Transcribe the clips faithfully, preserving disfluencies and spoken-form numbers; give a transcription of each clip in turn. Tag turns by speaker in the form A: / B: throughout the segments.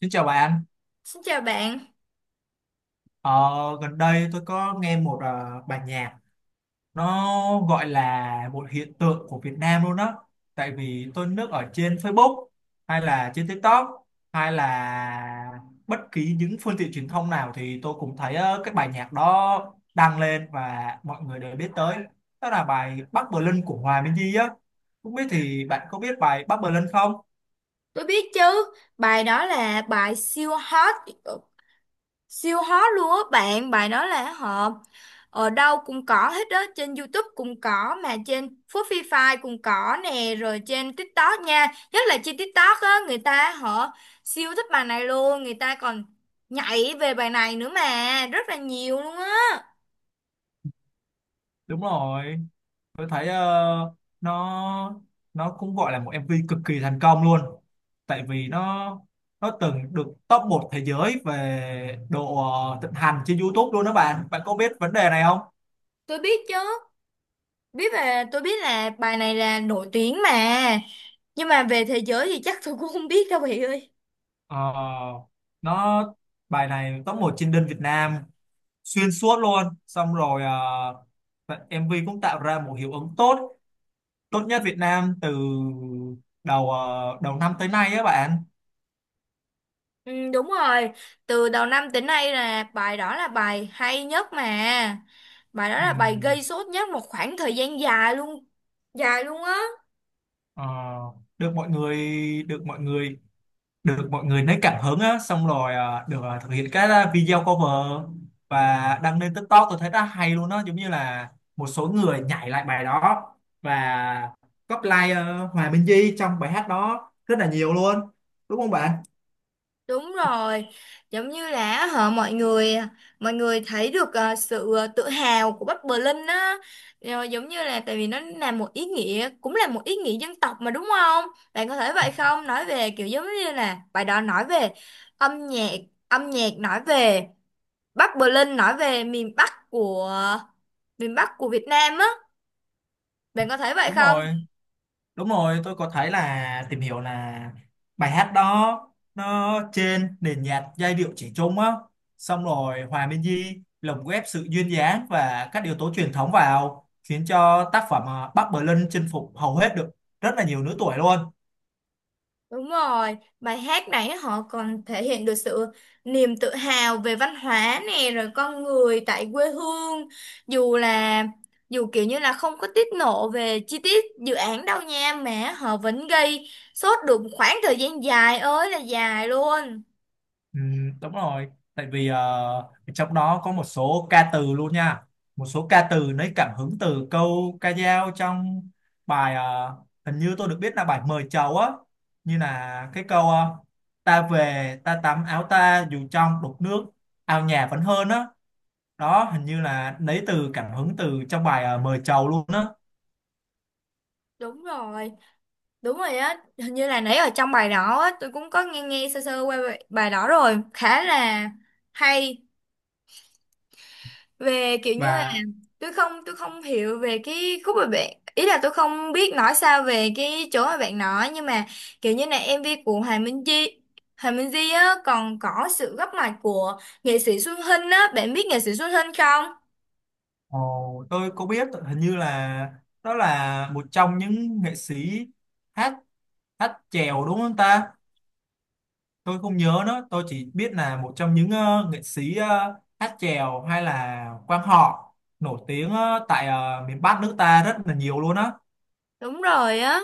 A: Xin chào bạn,
B: Xin chào bạn.
A: ờ, gần đây tôi có nghe một ờ, bài nhạc nó gọi là một hiện tượng của Việt Nam luôn đó, tại vì tôi lướt ở trên Facebook hay là trên TikTok hay là bất kỳ những phương tiện truyền thông nào thì tôi cũng thấy ờ, cái bài nhạc đó đăng lên và mọi người đều biết tới. Đó là bài Bắc Berlin của Hòa Minzy á. Không biết thì bạn có biết bài Bắc Berlin không?
B: Tôi biết chứ, bài đó là bài siêu hot, ờ, siêu hot luôn á bạn, bài đó là họ ở đâu cũng có hết đó, trên YouTube cũng có, mà trên Spotify cũng có nè, rồi trên TikTok nha, nhất là trên TikTok á, người ta họ siêu thích bài này luôn, người ta còn nhảy về bài này nữa mà, rất là nhiều luôn á,
A: Đúng rồi, tôi thấy ờ, nó nó cũng gọi là một em vê cực kỳ thành công luôn, tại vì nó nó từng được top một thế giới về độ ờ, thịnh hành trên YouTube luôn đó bạn. Bạn có biết vấn đề này không?
B: tôi biết chứ, biết về, tôi biết là bài này là nổi tiếng mà, nhưng mà về thế giới thì chắc tôi cũng không biết đâu bạn ơi.
A: Ờ, nó Bài này top một trên đơn Việt Nam xuyên suốt luôn. Xong rồi ờ, em vê cũng tạo ra một hiệu ứng tốt, tốt nhất Việt Nam từ đầu ờ, đầu năm tới nay á bạn.
B: Ừ, đúng rồi, từ đầu năm tới nay là bài đó là bài hay nhất mà. Bài đó là bài
A: Ừm,
B: gây sốt nhất một khoảng thời gian dài luôn, dài luôn á.
A: ờ, được mọi người được mọi người được mọi người lấy cảm hứng á, xong rồi à, được à, thực hiện các à, video cover và đăng lên TikTok. Tôi thấy rất hay luôn đó, giống như là một số người nhảy lại bài đó và copy like ờ, Hòa Minh Di trong bài hát đó rất là nhiều luôn, đúng không bạn?
B: Đúng rồi, giống như là họ mọi người mọi người thấy được ờ, sự ờ, tự hào của Bắc Berlin á. Rồi giống như là tại vì nó là một ý nghĩa cũng là một ý nghĩa dân tộc mà đúng không? Bạn có thấy vậy không? Nói về kiểu giống như là bài đó nói về âm nhạc, âm nhạc nói về Bắc Berlin, nói về miền Bắc của miền Bắc của Việt Nam á, bạn có thấy vậy
A: Đúng
B: không?
A: rồi. Đúng rồi, tôi có thấy là tìm hiểu là bài hát đó nó trên nền nhạc giai điệu trẻ trung á, xong rồi Hòa Minzy lồng ghép sự duyên dáng và các yếu tố truyền thống vào khiến cho tác phẩm à, Bắc Berlin chinh phục hầu hết được rất là nhiều lứa tuổi luôn.
B: Đúng rồi, bài hát này họ còn thể hiện được sự niềm tự hào về văn hóa nè, rồi con người tại quê hương, dù là dù kiểu như là không có tiết lộ về chi tiết dự án đâu nha, mà họ vẫn gây sốt được một khoảng thời gian dài ơi là dài luôn.
A: Ừ, đúng rồi, tại vì ờ, trong đó có một số ca từ luôn nha, một số ca từ lấy cảm hứng từ câu ca dao trong bài ờ, hình như tôi được biết là bài mời chầu á, như là cái câu ờ, ta về ta tắm áo ta dù trong đục nước ao nhà vẫn hơn á. Đó, hình như là lấy từ cảm hứng từ trong bài ờ, mời chầu luôn á
B: Đúng rồi. Đúng rồi á, hình như là nãy ở trong bài đó á, tôi cũng có nghe nghe sơ sơ qua bài bài đó rồi, khá là hay. Về kiểu như là
A: và
B: tôi không tôi không hiểu về cái khúc mà bạn ý là, tôi không biết nói sao về cái chỗ mà bạn nói, nhưng mà kiểu như là em vi của Hoàng Minh Di, Hoàng Minh Di á, còn có sự góp mặt của nghệ sĩ Xuân Hinh á, bạn biết nghệ sĩ Xuân Hinh không?
A: Ồ, tôi có biết, hình như là đó là một trong những nghệ sĩ hát hát chèo đúng không ta? Tôi không nhớ nữa, tôi chỉ biết là một trong những ờ, nghệ sĩ ờ, hát chèo hay là quan họ nổi tiếng ờ, tại ờ, miền Bắc nước ta rất là nhiều luôn á.
B: Đúng rồi á.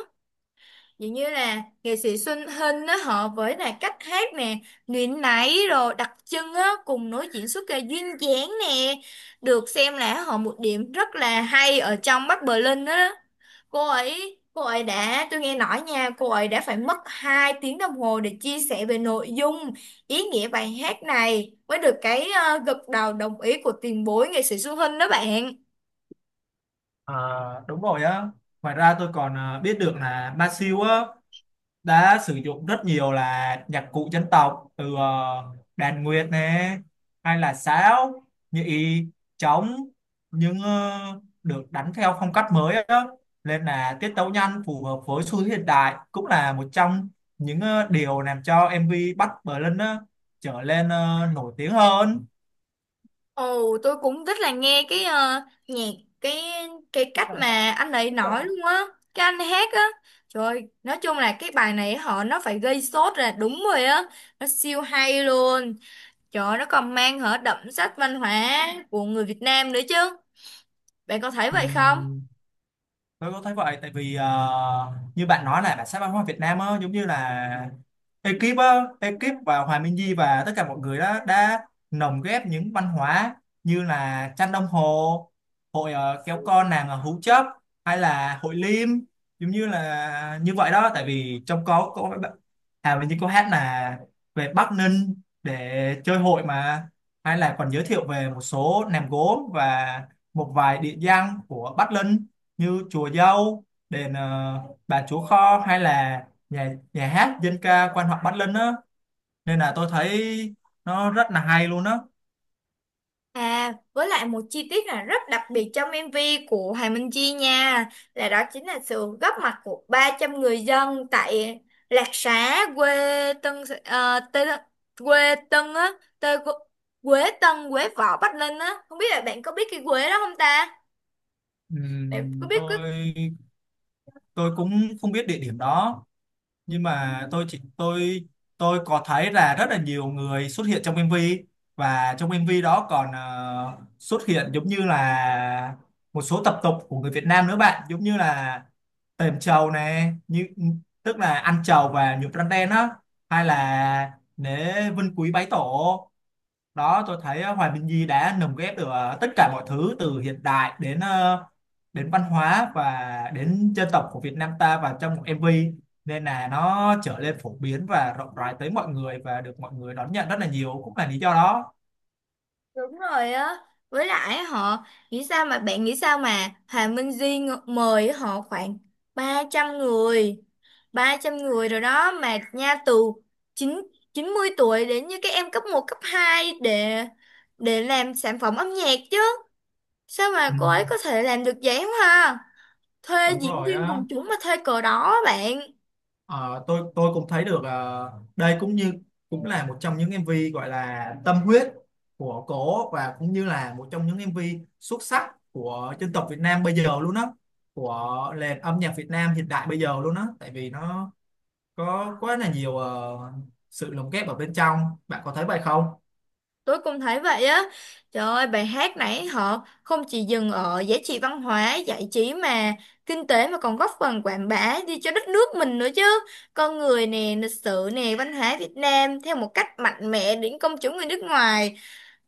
B: Dường như là nghệ sĩ Xuân Hinh á, họ với là cách hát nè, nguyện nãy rồi đặc trưng á, cùng nói diễn xuất là duyên dáng nè, được xem là họ một điểm rất là hay ở trong Bắc Berlin á. Cô ấy cô ấy đã, tôi nghe nói nha, cô ấy đã phải mất hai tiếng đồng hồ để chia sẻ về nội dung, ý nghĩa bài hát này mới được cái ờ, gật đầu đồng ý của tiền bối nghệ sĩ Xuân Hinh đó bạn.
A: À, đúng rồi á. Ngoài ra tôi còn ờ, biết được là Ba Siêu á đã sử dụng rất nhiều là nhạc cụ dân tộc, từ ờ, đàn nguyệt nè, hay là sáo, nhị, trống, nhưng ờ, được đánh theo phong cách mới á, nên là tiết tấu nhanh phù hợp với xu thế hiện đại, cũng là một trong những ờ, điều làm cho em vê Bắc Bling á trở lên ờ, nổi tiếng hơn.
B: Ồ, tôi cũng rất là nghe cái ờ, nhạc, cái cái cách mà anh ấy nói luôn á, cái anh hát á. Trời ơi, nói chung là cái bài này họ nó phải gây sốt là đúng rồi á, nó siêu hay luôn. Trời ơi, nó còn mang hở đậm sắc văn hóa của người Việt Nam nữa chứ. Bạn có thấy vậy không?
A: Ừm, tôi có thấy vậy, tại vì ờ, như bạn nói là bản sắc văn hóa Việt Nam á, giống như là ekip á ekip và Hòa Minh Di và tất cả mọi người đó đã lồng ghép những văn hóa như là tranh đồng hồ, hội ờ, kéo con nàng ở Hú Chấp hay là hội Liêm, giống như là như vậy đó. Tại vì trong có có à, mình như có hát là về Bắc Ninh để chơi hội mà, hay là còn giới thiệu về một số nèm gốm và một vài địa danh của Bắc Ninh như chùa Dâu, đền ờ, Bà Chúa Kho, hay là nhà nhà hát dân ca quan họ Bắc Ninh á, nên là tôi thấy nó rất là hay luôn á.
B: À, với lại một chi tiết là rất đặc biệt trong em vi của Hoàng Minh Chi nha, là đó chính là sự góp mặt của ba trăm người dân tại Lạc Xá, quê Tân, ờ, Tê, quê Tân á, Tê, Quế Tân, Quế Võ, Bắc Ninh á. Không biết là bạn có biết cái quế đó không ta? Bạn có
A: Ừm,
B: biết cái...
A: tôi tôi cũng không biết địa điểm đó, nhưng mà tôi chỉ tôi tôi có thấy là rất là nhiều người xuất hiện trong em vê, và trong em vê đó còn ờ, xuất hiện giống như là một số tập tục của người Việt Nam nữa bạn, giống như là tềm trầu này, như tức là ăn trầu và nhuộm răng đen á, hay
B: Ừ,
A: là lễ vinh quý bái tổ. Đó, tôi thấy ờ, Hoài Minh Di đã lồng ghép được ờ, tất cả mọi thứ từ hiện đại đến ờ, đến văn hóa và đến dân tộc của Việt Nam ta vào trong một em vê, nên là nó trở nên phổ biến và rộng rãi tới mọi người và được mọi người đón nhận rất là nhiều, cũng là lý do đó.
B: đúng rồi á. Với lại họ nghĩ sao, mà bạn nghĩ sao mà Hoàng Minh Di ng- mời họ khoảng ba trăm người, ba trăm người rồi đó mà nha, từ chín chín mươi tuổi đến như các em cấp một cấp hai để để làm sản phẩm âm nhạc chứ. Sao mà
A: Ừ,
B: cô ấy có thể làm được vậy không ha? Thuê
A: đúng
B: diễn
A: rồi
B: viên
A: á.
B: quần chúng mà thuê cờ đó á bạn.
A: Ờ, tôi tôi cũng thấy được ờ, đây cũng như cũng là một trong những em MV gọi là tâm huyết của cổ, và cũng như là một trong những em MV xuất sắc của dân tộc Việt Nam bây giờ luôn á, của nền âm nhạc Việt Nam hiện đại bây giờ luôn á, tại vì nó có quá là nhiều ờ, sự lồng ghép ở bên trong. Bạn có thấy vậy không?
B: Tôi cũng thấy vậy á. Trời ơi, bài hát nãy họ không chỉ dừng ở giá trị văn hóa, giải trí mà kinh tế, mà còn góp phần quảng bá đi cho đất nước mình nữa chứ. Con người nè, lịch sử nè, văn hóa Việt Nam theo một cách mạnh mẽ đến công chúng người nước ngoài,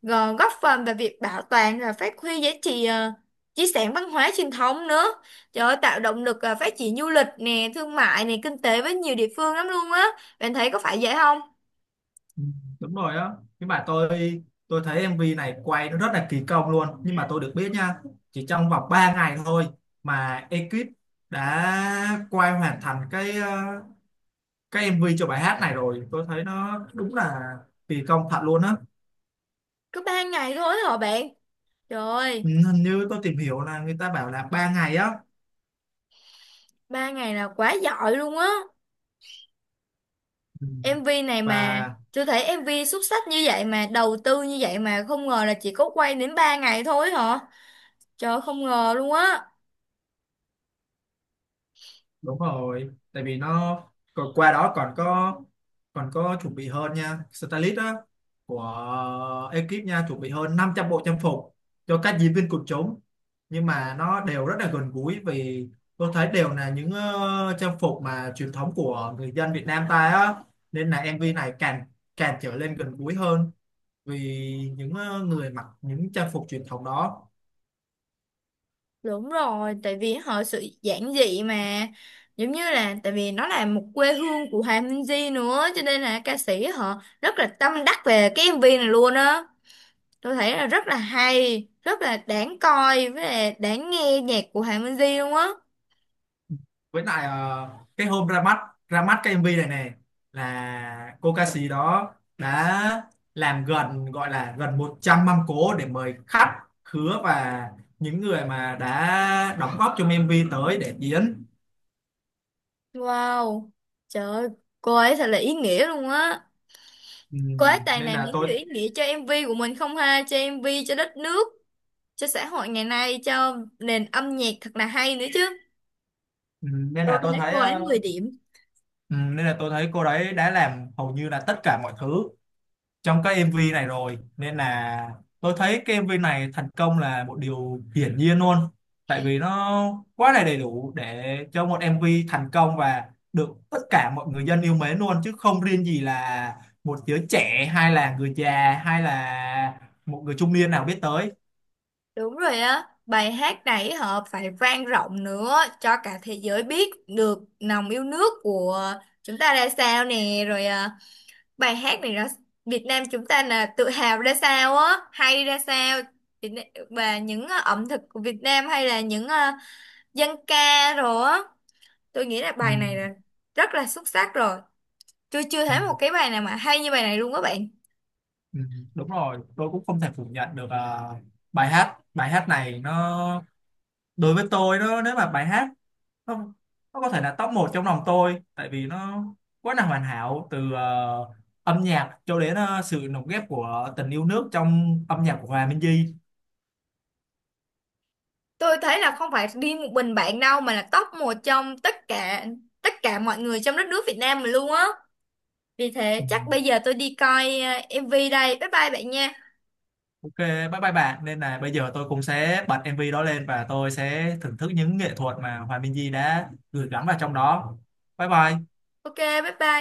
B: gờ- góp phần vào việc bảo toàn và phát huy giá trị ờ, di sản văn hóa truyền thống nữa. Trời ơi, tạo động lực ờ, phát triển du lịch nè, thương mại nè, kinh tế với nhiều địa phương lắm luôn á, bạn thấy có phải vậy không?
A: Ừ, đúng rồi đó, nhưng mà tôi tôi thấy em vê này quay nó rất là kỳ công luôn, nhưng mà tôi được biết nha, chỉ trong vòng ba ngày thôi mà ekip đã quay hoàn thành cái ờ, cái em vê cho bài hát này rồi, tôi thấy nó đúng là kỳ công thật luôn á.
B: Có ba ngày thôi hả bạn? Trời
A: Ừ,
B: ơi,
A: hình như tôi tìm hiểu là người ta bảo là ba ngày á.
B: ba ngày là quá giỏi luôn á.
A: Ừ,
B: em vi này mà,
A: và
B: tôi thấy em vê xuất sắc như vậy mà đầu tư như vậy mà không ngờ là chỉ có quay đến ba ngày thôi hả. Trời ơi, không ngờ luôn á.
A: đúng rồi, tại vì nó còn qua đó còn có còn có chuẩn bị hơn nha, stylist á, của ekip nha, chuẩn bị hơn năm trăm bộ trang phục cho các diễn viên quần chúng, nhưng mà nó đều rất là gần gũi, vì tôi thấy đều là những ờ, trang phục mà truyền thống của người dân Việt Nam ta á, nên là em vê này càng càng trở lên gần gũi hơn, vì những ờ, người mặc những trang phục truyền thống đó.
B: Đúng rồi, tại vì họ sự giản dị mà, giống như là tại vì nó là một quê hương của Hòa Minzy nữa, cho nên là ca sĩ họ rất là tâm đắc về cái em vê này luôn á. Tôi thấy là rất là hay, rất là đáng coi với là đáng nghe nhạc của Hòa Minzy luôn á.
A: Với lại ờ, cái hôm ra mắt, ra mắt cái em vê này này là cô ca sĩ đó đã làm gần, gọi là gần một trăm mâm cỗ để mời khách khứa và những người mà đã đóng góp trong em vê tới để diễn.
B: Wow. Trời ơi, cô ấy thật là ý nghĩa luôn á.
A: Ừ,
B: Cô ấy toàn
A: nên
B: làm
A: là
B: những
A: tôi
B: điều ý nghĩa cho em vê của mình không ha, cho em vê, cho đất nước, cho xã hội ngày nay, cho nền âm nhạc thật là hay nữa chứ.
A: ừ, nên
B: Tôi
A: là tôi
B: thấy
A: thấy
B: cô ấy
A: ờ,
B: mười điểm.
A: ừ, nên là tôi thấy cô đấy đã làm hầu như là tất cả mọi thứ trong cái em vê này rồi, nên là tôi thấy cái em vê này thành công là một điều hiển nhiên luôn, tại vì nó quá là đầy đủ để cho một em vê thành công và được tất cả mọi người dân yêu mến luôn, chứ không riêng gì là một đứa trẻ hay là người già hay là một người trung niên nào biết tới.
B: Đúng rồi á, bài hát này họ phải vang rộng nữa cho cả thế giới biết được lòng yêu nước của chúng ta ra sao nè, rồi à, bài hát này là Việt Nam chúng ta là tự hào ra sao á, hay ra sao Việt Nam, và những à, ẩm thực của Việt Nam hay là những à, dân ca rồi á, tôi nghĩ là
A: Ừ,
B: bài này là rất là xuất sắc rồi. Tôi chưa
A: ừ,
B: thấy một cái bài nào mà hay như bài này luôn các bạn.
A: ừ, đúng rồi, tôi cũng không thể phủ nhận được ờ, bài hát bài hát này, nó đối với tôi nó nếu mà bài hát không nó có thể là top một trong lòng tôi, tại vì nó quá là hoàn hảo, từ ờ, âm nhạc cho đến ờ, sự lồng ghép của tình yêu nước trong âm nhạc của Hòa Minh Di.
B: Tôi thấy là không phải riêng một mình bạn đâu, mà là top một trong tất cả, tất cả mọi người trong đất nước Việt Nam mà luôn á. Vì
A: Ừ.
B: thế chắc bây giờ tôi đi coi ờ, em vê đây, bye bye bạn nha.
A: OK, bye bye bạn, nên là bây giờ tôi cũng sẽ bật em vê đó lên và tôi sẽ thưởng thức những nghệ thuật mà Hòa Minh Di đã gửi gắm vào trong đó. Bye bye.
B: Ok, bye bye.